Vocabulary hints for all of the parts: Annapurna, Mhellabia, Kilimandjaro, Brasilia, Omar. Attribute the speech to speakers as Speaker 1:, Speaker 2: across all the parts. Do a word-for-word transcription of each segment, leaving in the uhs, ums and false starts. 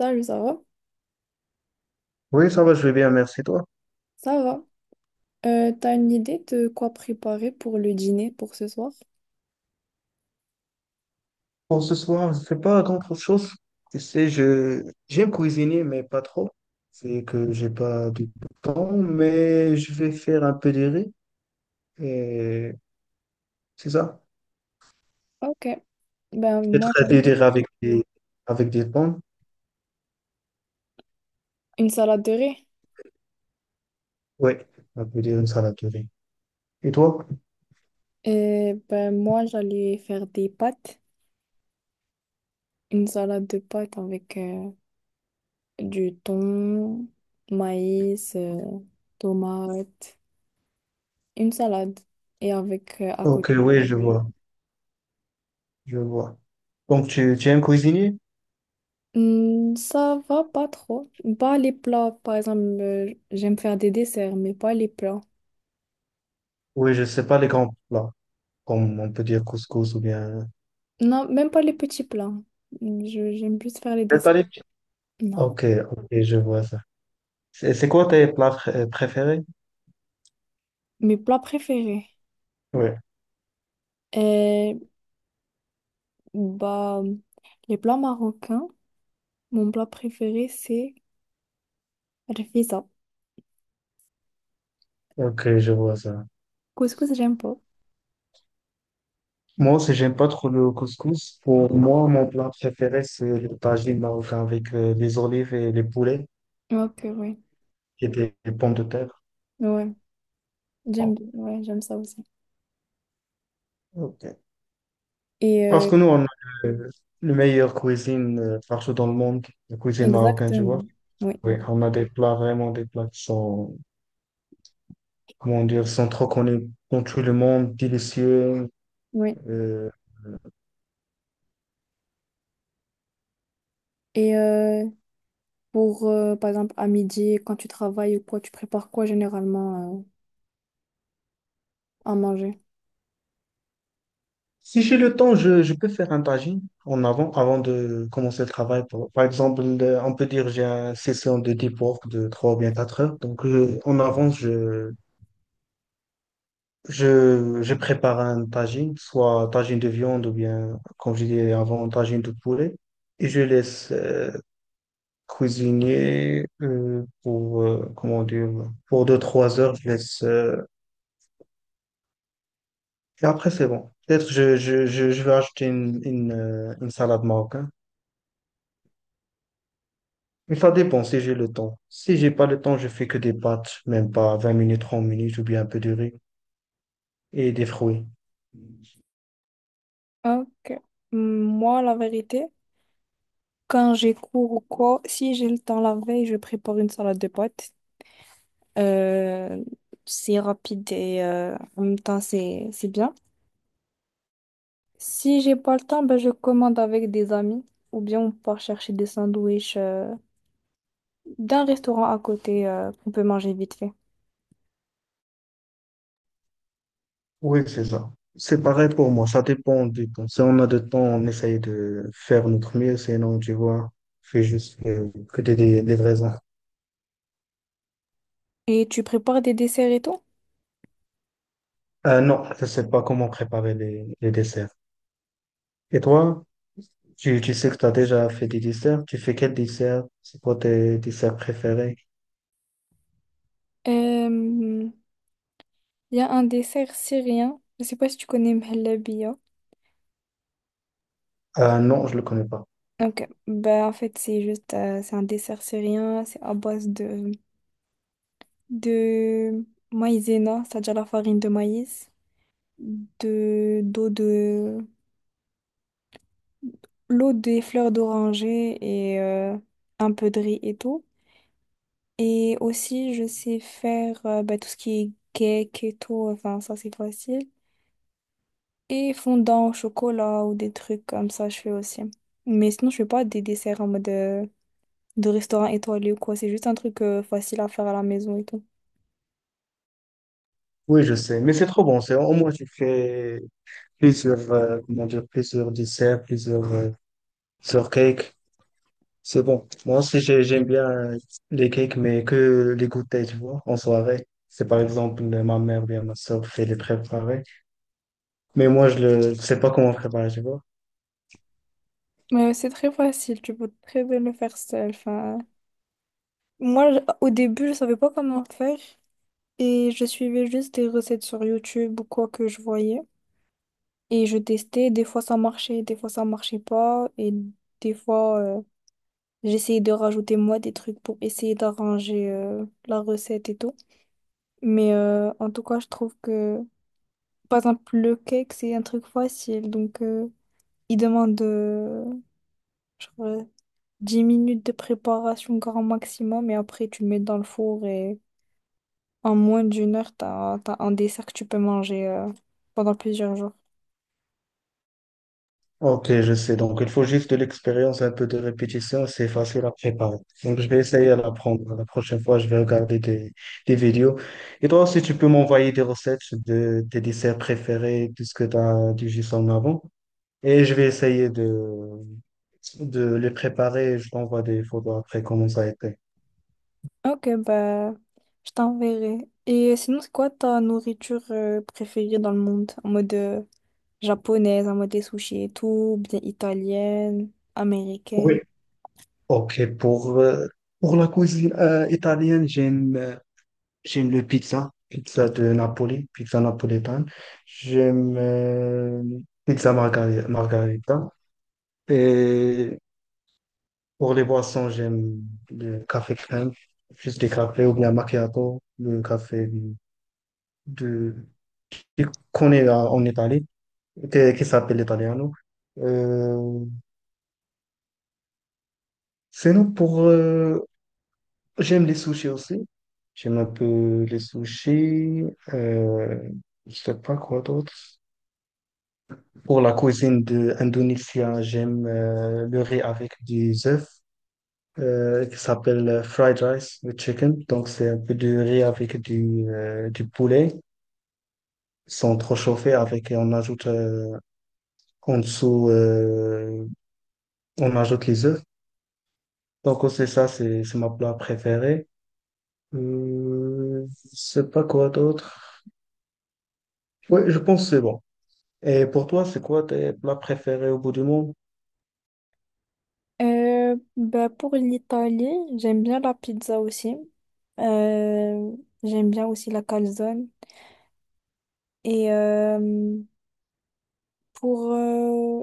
Speaker 1: Salut, ça va?
Speaker 2: Oui, ça va, je vais bien, merci toi.
Speaker 1: Ça va. Euh, t'as une idée de quoi préparer pour le dîner pour ce soir?
Speaker 2: Pour ce soir, je ne fais pas grand-chose. Tu sais, je j'aime cuisiner, mais pas trop. C'est que j'ai pas du temps, mais je vais faire un peu de riz. Et c'est ça.
Speaker 1: Ok. Ben
Speaker 2: Je vais
Speaker 1: moi j'aime
Speaker 2: traiter des riz avec des, avec des pommes.
Speaker 1: une salade de riz.
Speaker 2: Oui, un peu de une salade de riz. Et toi?
Speaker 1: Et ben moi j'allais faire des pâtes. Une salade de pâtes avec euh, du thon, maïs, euh, tomates. Une salade. Et avec euh, à
Speaker 2: Ok,
Speaker 1: côté du
Speaker 2: oui, je
Speaker 1: poulet.
Speaker 2: vois, je vois. Donc, tu, tu aimes cuisiner?
Speaker 1: Hmm, ça va pas trop. Pas les plats, par exemple, euh, j'aime faire des desserts, mais pas les plats.
Speaker 2: Oui, je sais pas les grands plats, comme on peut dire couscous ou bien...
Speaker 1: Non, même pas les petits plats. Je- j'aime plus faire les
Speaker 2: Mais
Speaker 1: desserts.
Speaker 2: t'as les petits.
Speaker 1: Non.
Speaker 2: Ok, ok, je vois ça. C'est c'est quoi tes plats pr- euh, préférés?
Speaker 1: Mes plats préférés.
Speaker 2: Ouais,
Speaker 1: Euh, bah, les plats marocains, mon plat préféré, c'est rfissa.
Speaker 2: ok, je vois ça.
Speaker 1: Couscous, j'aime pas.
Speaker 2: Moi aussi, j'aime pas trop le couscous. Pour moi, mon plat préféré, c'est le tagine marocain avec euh, les olives et les poulets
Speaker 1: Ok, oui.
Speaker 2: et des, des pommes de terre.
Speaker 1: Ouais, j'aime, bien. Ouais, j'aime ça aussi.
Speaker 2: Ok.
Speaker 1: Et
Speaker 2: Parce
Speaker 1: euh,
Speaker 2: que nous, on a la meilleure cuisine euh, partout dans le monde, la cuisine marocaine, tu vois.
Speaker 1: exactement. Oui,
Speaker 2: Oui, on a des plats, vraiment des plats qui sont, comment dire, sont trop connus dans tout le monde, délicieux.
Speaker 1: oui.
Speaker 2: euh,
Speaker 1: Et euh, pour, euh, par exemple, à midi, quand tu travailles ou quoi, tu prépares quoi généralement euh, à manger?
Speaker 2: Si j'ai le temps, je, je peux faire un tagine en avant, avant de commencer le travail. Par par exemple, le- on peut dire j'ai une session de deep work de trois ou bien quatre heures. Donc, euh, en avance, je, je, je prépare un tagine, soit tagine de viande ou bien, comme je disais avant, tagine de poulet. Et je laisse euh, cuisiner euh, pour, euh, comment dire, pour deux trois heures. Je laisse, euh, et après, c'est bon. Peut-être je, je, je, je vais acheter une, une, euh, une salade marocaine. Mais ça dépend si j'ai le temps. Si j'ai pas le temps, je fais que des pâtes, même pas vingt minutes, trente minutes, ou bien un peu de riz et des fruits.
Speaker 1: Ok. Moi, la vérité. Quand j'ai cours ou quoi, si j'ai le temps la veille, je prépare une salade de pâtes. Euh, c'est rapide et euh, en même temps, c'est c'est bien. Si j'ai pas le temps, ben, je commande avec des amis ou bien on part chercher des sandwichs euh, d'un restaurant à côté euh, qu'on peut manger vite fait.
Speaker 2: Oui, c'est ça. C'est pareil pour moi, ça dépend du temps. Si on a de temps, on essaye de faire notre mieux, sinon, tu vois, je fais juste euh, que des, des, des raisins.
Speaker 1: Et tu prépares des desserts et tout?
Speaker 2: Euh, non, je sais pas comment préparer les, les desserts. Et toi, tu, tu sais que tu as déjà fait des desserts, tu fais quel dessert? C'est quoi tes desserts préférés?
Speaker 1: Euh, Il y a un dessert syrien. Je sais pas si tu connais Mhellabia.
Speaker 2: Euh, non, je le connais pas.
Speaker 1: Ok, bah en fait c'est juste euh, c'est un dessert syrien, c'est à base de de maïzena, c'est-à-dire la farine de maïs, de d'eau de l'eau des fleurs d'oranger et euh, un peu de riz et tout. Et aussi je sais faire euh, bah, tout ce qui est cake et tout, enfin ça c'est facile. Et fondant au chocolat ou des trucs comme ça je fais aussi. Mais sinon je fais pas des desserts en mode euh, de restaurant étoilé ou quoi, c'est juste un truc euh, facile à faire à la maison et tout.
Speaker 2: Oui, je sais, mais c'est trop bon. C'est au moins tu fais plusieurs, euh, comment dire, plusieurs desserts, plusieurs, euh, plusieurs cakes. C'est bon. Moi aussi, j'ai- j'aime bien les cakes, mais que les goûter, tu vois, en soirée. C'est par exemple euh, ma mère ou bien ma soeur fait les préparer. Mais moi, je ne sais pas comment préparer, tu vois.
Speaker 1: Mais ouais, c'est très facile, tu peux très bien le faire seul. Enfin, moi, je- au début, je savais pas comment faire et je suivais juste des recettes sur YouTube ou quoi que je voyais. Et je testais, des fois ça marchait, des fois ça marchait pas. Et des fois, euh, j'essayais de rajouter moi des trucs pour essayer d'arranger euh, la recette et tout. Mais euh, en tout cas, je trouve que, par exemple, le cake, c'est un truc facile. Donc, euh, il demande, euh, dix minutes de préparation grand maximum et après tu le mets dans le four et en moins d'une heure, t'as, t'as un dessert que tu peux manger euh, pendant plusieurs jours.
Speaker 2: Ok, je sais. Donc, il faut juste de l'expérience, un peu de répétition. C'est facile à préparer. Donc, je vais essayer à l'apprendre. La prochaine fois, je vais regarder des, des vidéos. Et toi aussi, tu peux m'envoyer des recettes de tes desserts préférés, puisque tu as du jus en avant. Et je vais essayer de, de les préparer. Je t'envoie des photos après comment ça a été.
Speaker 1: Ok, bah je t'enverrai. Et sinon, c'est quoi ta nourriture euh, préférée dans le monde? En mode euh, japonaise, en mode des sushis et tout, ou bien italienne, américaine?
Speaker 2: Oui. Ok, pour, euh, pour la cuisine euh, italienne, j'aime euh, j'aime le pizza, pizza de Napoli, pizza napolitaine. J'aime euh, pizza margari- margarita. Et pour les boissons, j'aime le café crème, juste des cafés ou bien macchiato, le café de, de- qu'on est euh, en Italie. Que- qui s'appelle l'italiano. Euh, Sinon, pour... euh, j'aime les sushis aussi. J'aime un peu les sushis. Euh, je sais pas quoi d'autre. Pour la cuisine de indonésienne, j'aime euh, le riz avec des œufs euh, qui s'appelle euh, fried rice with chicken. Donc, c'est un peu de riz avec du, euh, du poulet. Ils sont trop chauffés avec, et on ajoute euh, en dessous, euh, on ajoute les œufs. Donc, c'est ça, c'est c'est ma plat préférée. Euh, je sais pas quoi d'autre. Oui, je pense que c'est bon. Et pour toi, c'est quoi tes plats préférés au bout du monde?
Speaker 1: Euh, bah pour l'Italie, j'aime bien la pizza aussi. Euh, j'aime bien aussi la calzone. Et euh, Pour euh,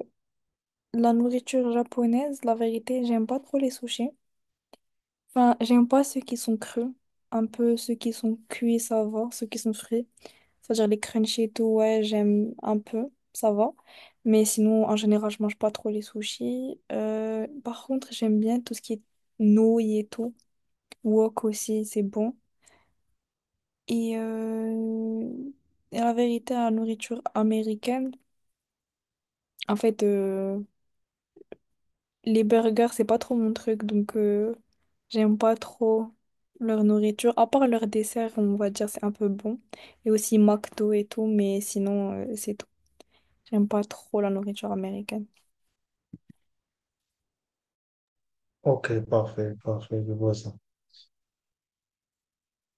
Speaker 1: la nourriture japonaise, la vérité, j'aime pas trop les sushis. Enfin, j'aime pas ceux qui sont creux. Un peu ceux qui sont cuits, ça va. Ceux qui sont frits. C'est-à-dire les crunchy et tout, ouais, j'aime un peu, ça va. Mais sinon, en général, je mange pas trop les sushis. Euh, par contre, j'aime bien tout ce qui est nouilles et tout. Wok aussi, c'est bon. Et, euh, et la vérité, la nourriture américaine, en fait. Euh, les burgers, c'est pas trop mon truc, donc euh, j'aime pas trop leur nourriture. À part leur dessert, on va dire, c'est un peu bon. Et aussi McDo et tout, mais sinon, euh, c'est tout. J'aime pas trop la nourriture américaine.
Speaker 2: Ok, parfait, parfait, je vois ça.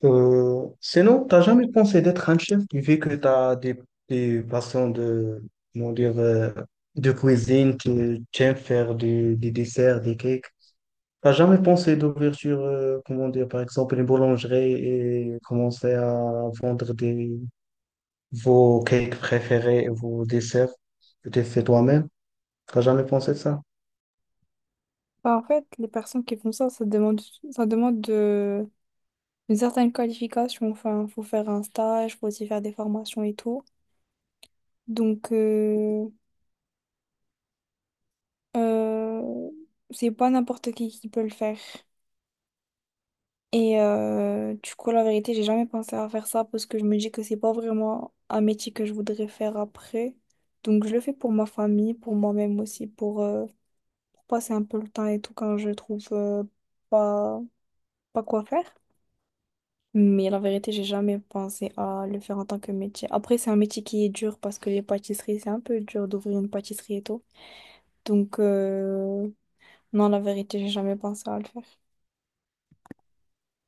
Speaker 2: Euh, sinon, t'as jamais pensé d'être un chef, vu que t'as des, des passions de, comment dire, euh, de cuisine, tu tu aimes faire du- des desserts, des cakes. T'as jamais pensé d'ouvrir sur, euh, comment dire, par exemple, une boulangerie et commencer à vendre des, vos cakes préférés, vos desserts que tu fais toi-même? T'as jamais pensé de ça?
Speaker 1: Bah, en fait, les personnes qui font ça, ça demande, ça demande de, une certaine qualification. Enfin, faut faire un stage, faut aussi faire des formations et tout. Donc, euh, euh, c'est pas n'importe qui qui peut le faire. Et euh, du coup, la vérité, j'ai jamais pensé à faire ça parce que je me dis que c'est pas vraiment un métier que je voudrais faire après. Donc, je le fais pour ma famille, pour moi-même aussi, pour, euh, pour passer un peu le temps et tout quand je trouve euh, pas, pas quoi faire. Mais la vérité, j'ai jamais pensé à le faire en tant que métier. Après, c'est un métier qui est dur parce que les pâtisseries, c'est un peu dur d'ouvrir une pâtisserie et tout. Donc, euh, non, la vérité, j'ai jamais pensé à le faire.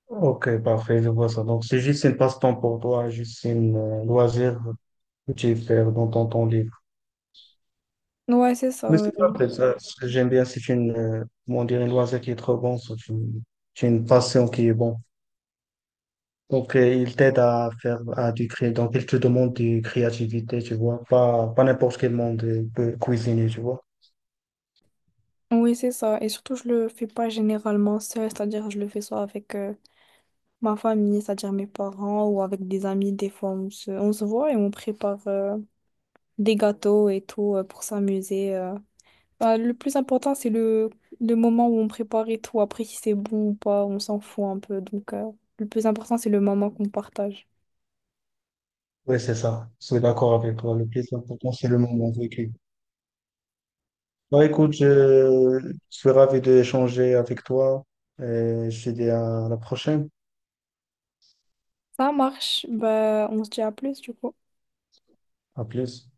Speaker 2: Ok, parfait, je vois ça. Donc, c'est juste une passe-temps pour toi, juste une euh, loisir que tu fais dans ton temps libre.
Speaker 1: Ouais, c'est
Speaker 2: Mais
Speaker 1: ça.
Speaker 2: c'est parfait, ça. J'aime bien. C'est une, euh, comment dire, une loisir qui est trop bon, c'est une, c'est une passion qui est bonne. Donc, euh, il t'aide à faire à du cré... donc, il te demande de créativité, tu vois. Pas, pas n'importe quel monde euh, peut cuisiner, tu vois.
Speaker 1: Oui, c'est ça. Et surtout, je le fais pas généralement seul, c'est-à-dire je le fais soit avec euh, ma famille, c'est-à-dire mes parents, ou avec des amis. Des fois, on se, on se voit et on prépare euh, des gâteaux et tout euh, pour s'amuser. euh. Bah, le plus important, c'est le, le moment où on prépare et tout. Après, si c'est bon ou pas, on s'en fout un peu. Donc, euh, le plus important, c'est le moment qu'on partage.
Speaker 2: Oui, c'est ça. Je suis d'accord avec toi. Le plus important, c'est le moment vécu. Bah, écoute, je, je suis ravi d'échanger avec toi. Et je te dis à la prochaine.
Speaker 1: Ça marche. Bah, on se dit à plus, du coup.
Speaker 2: À plus.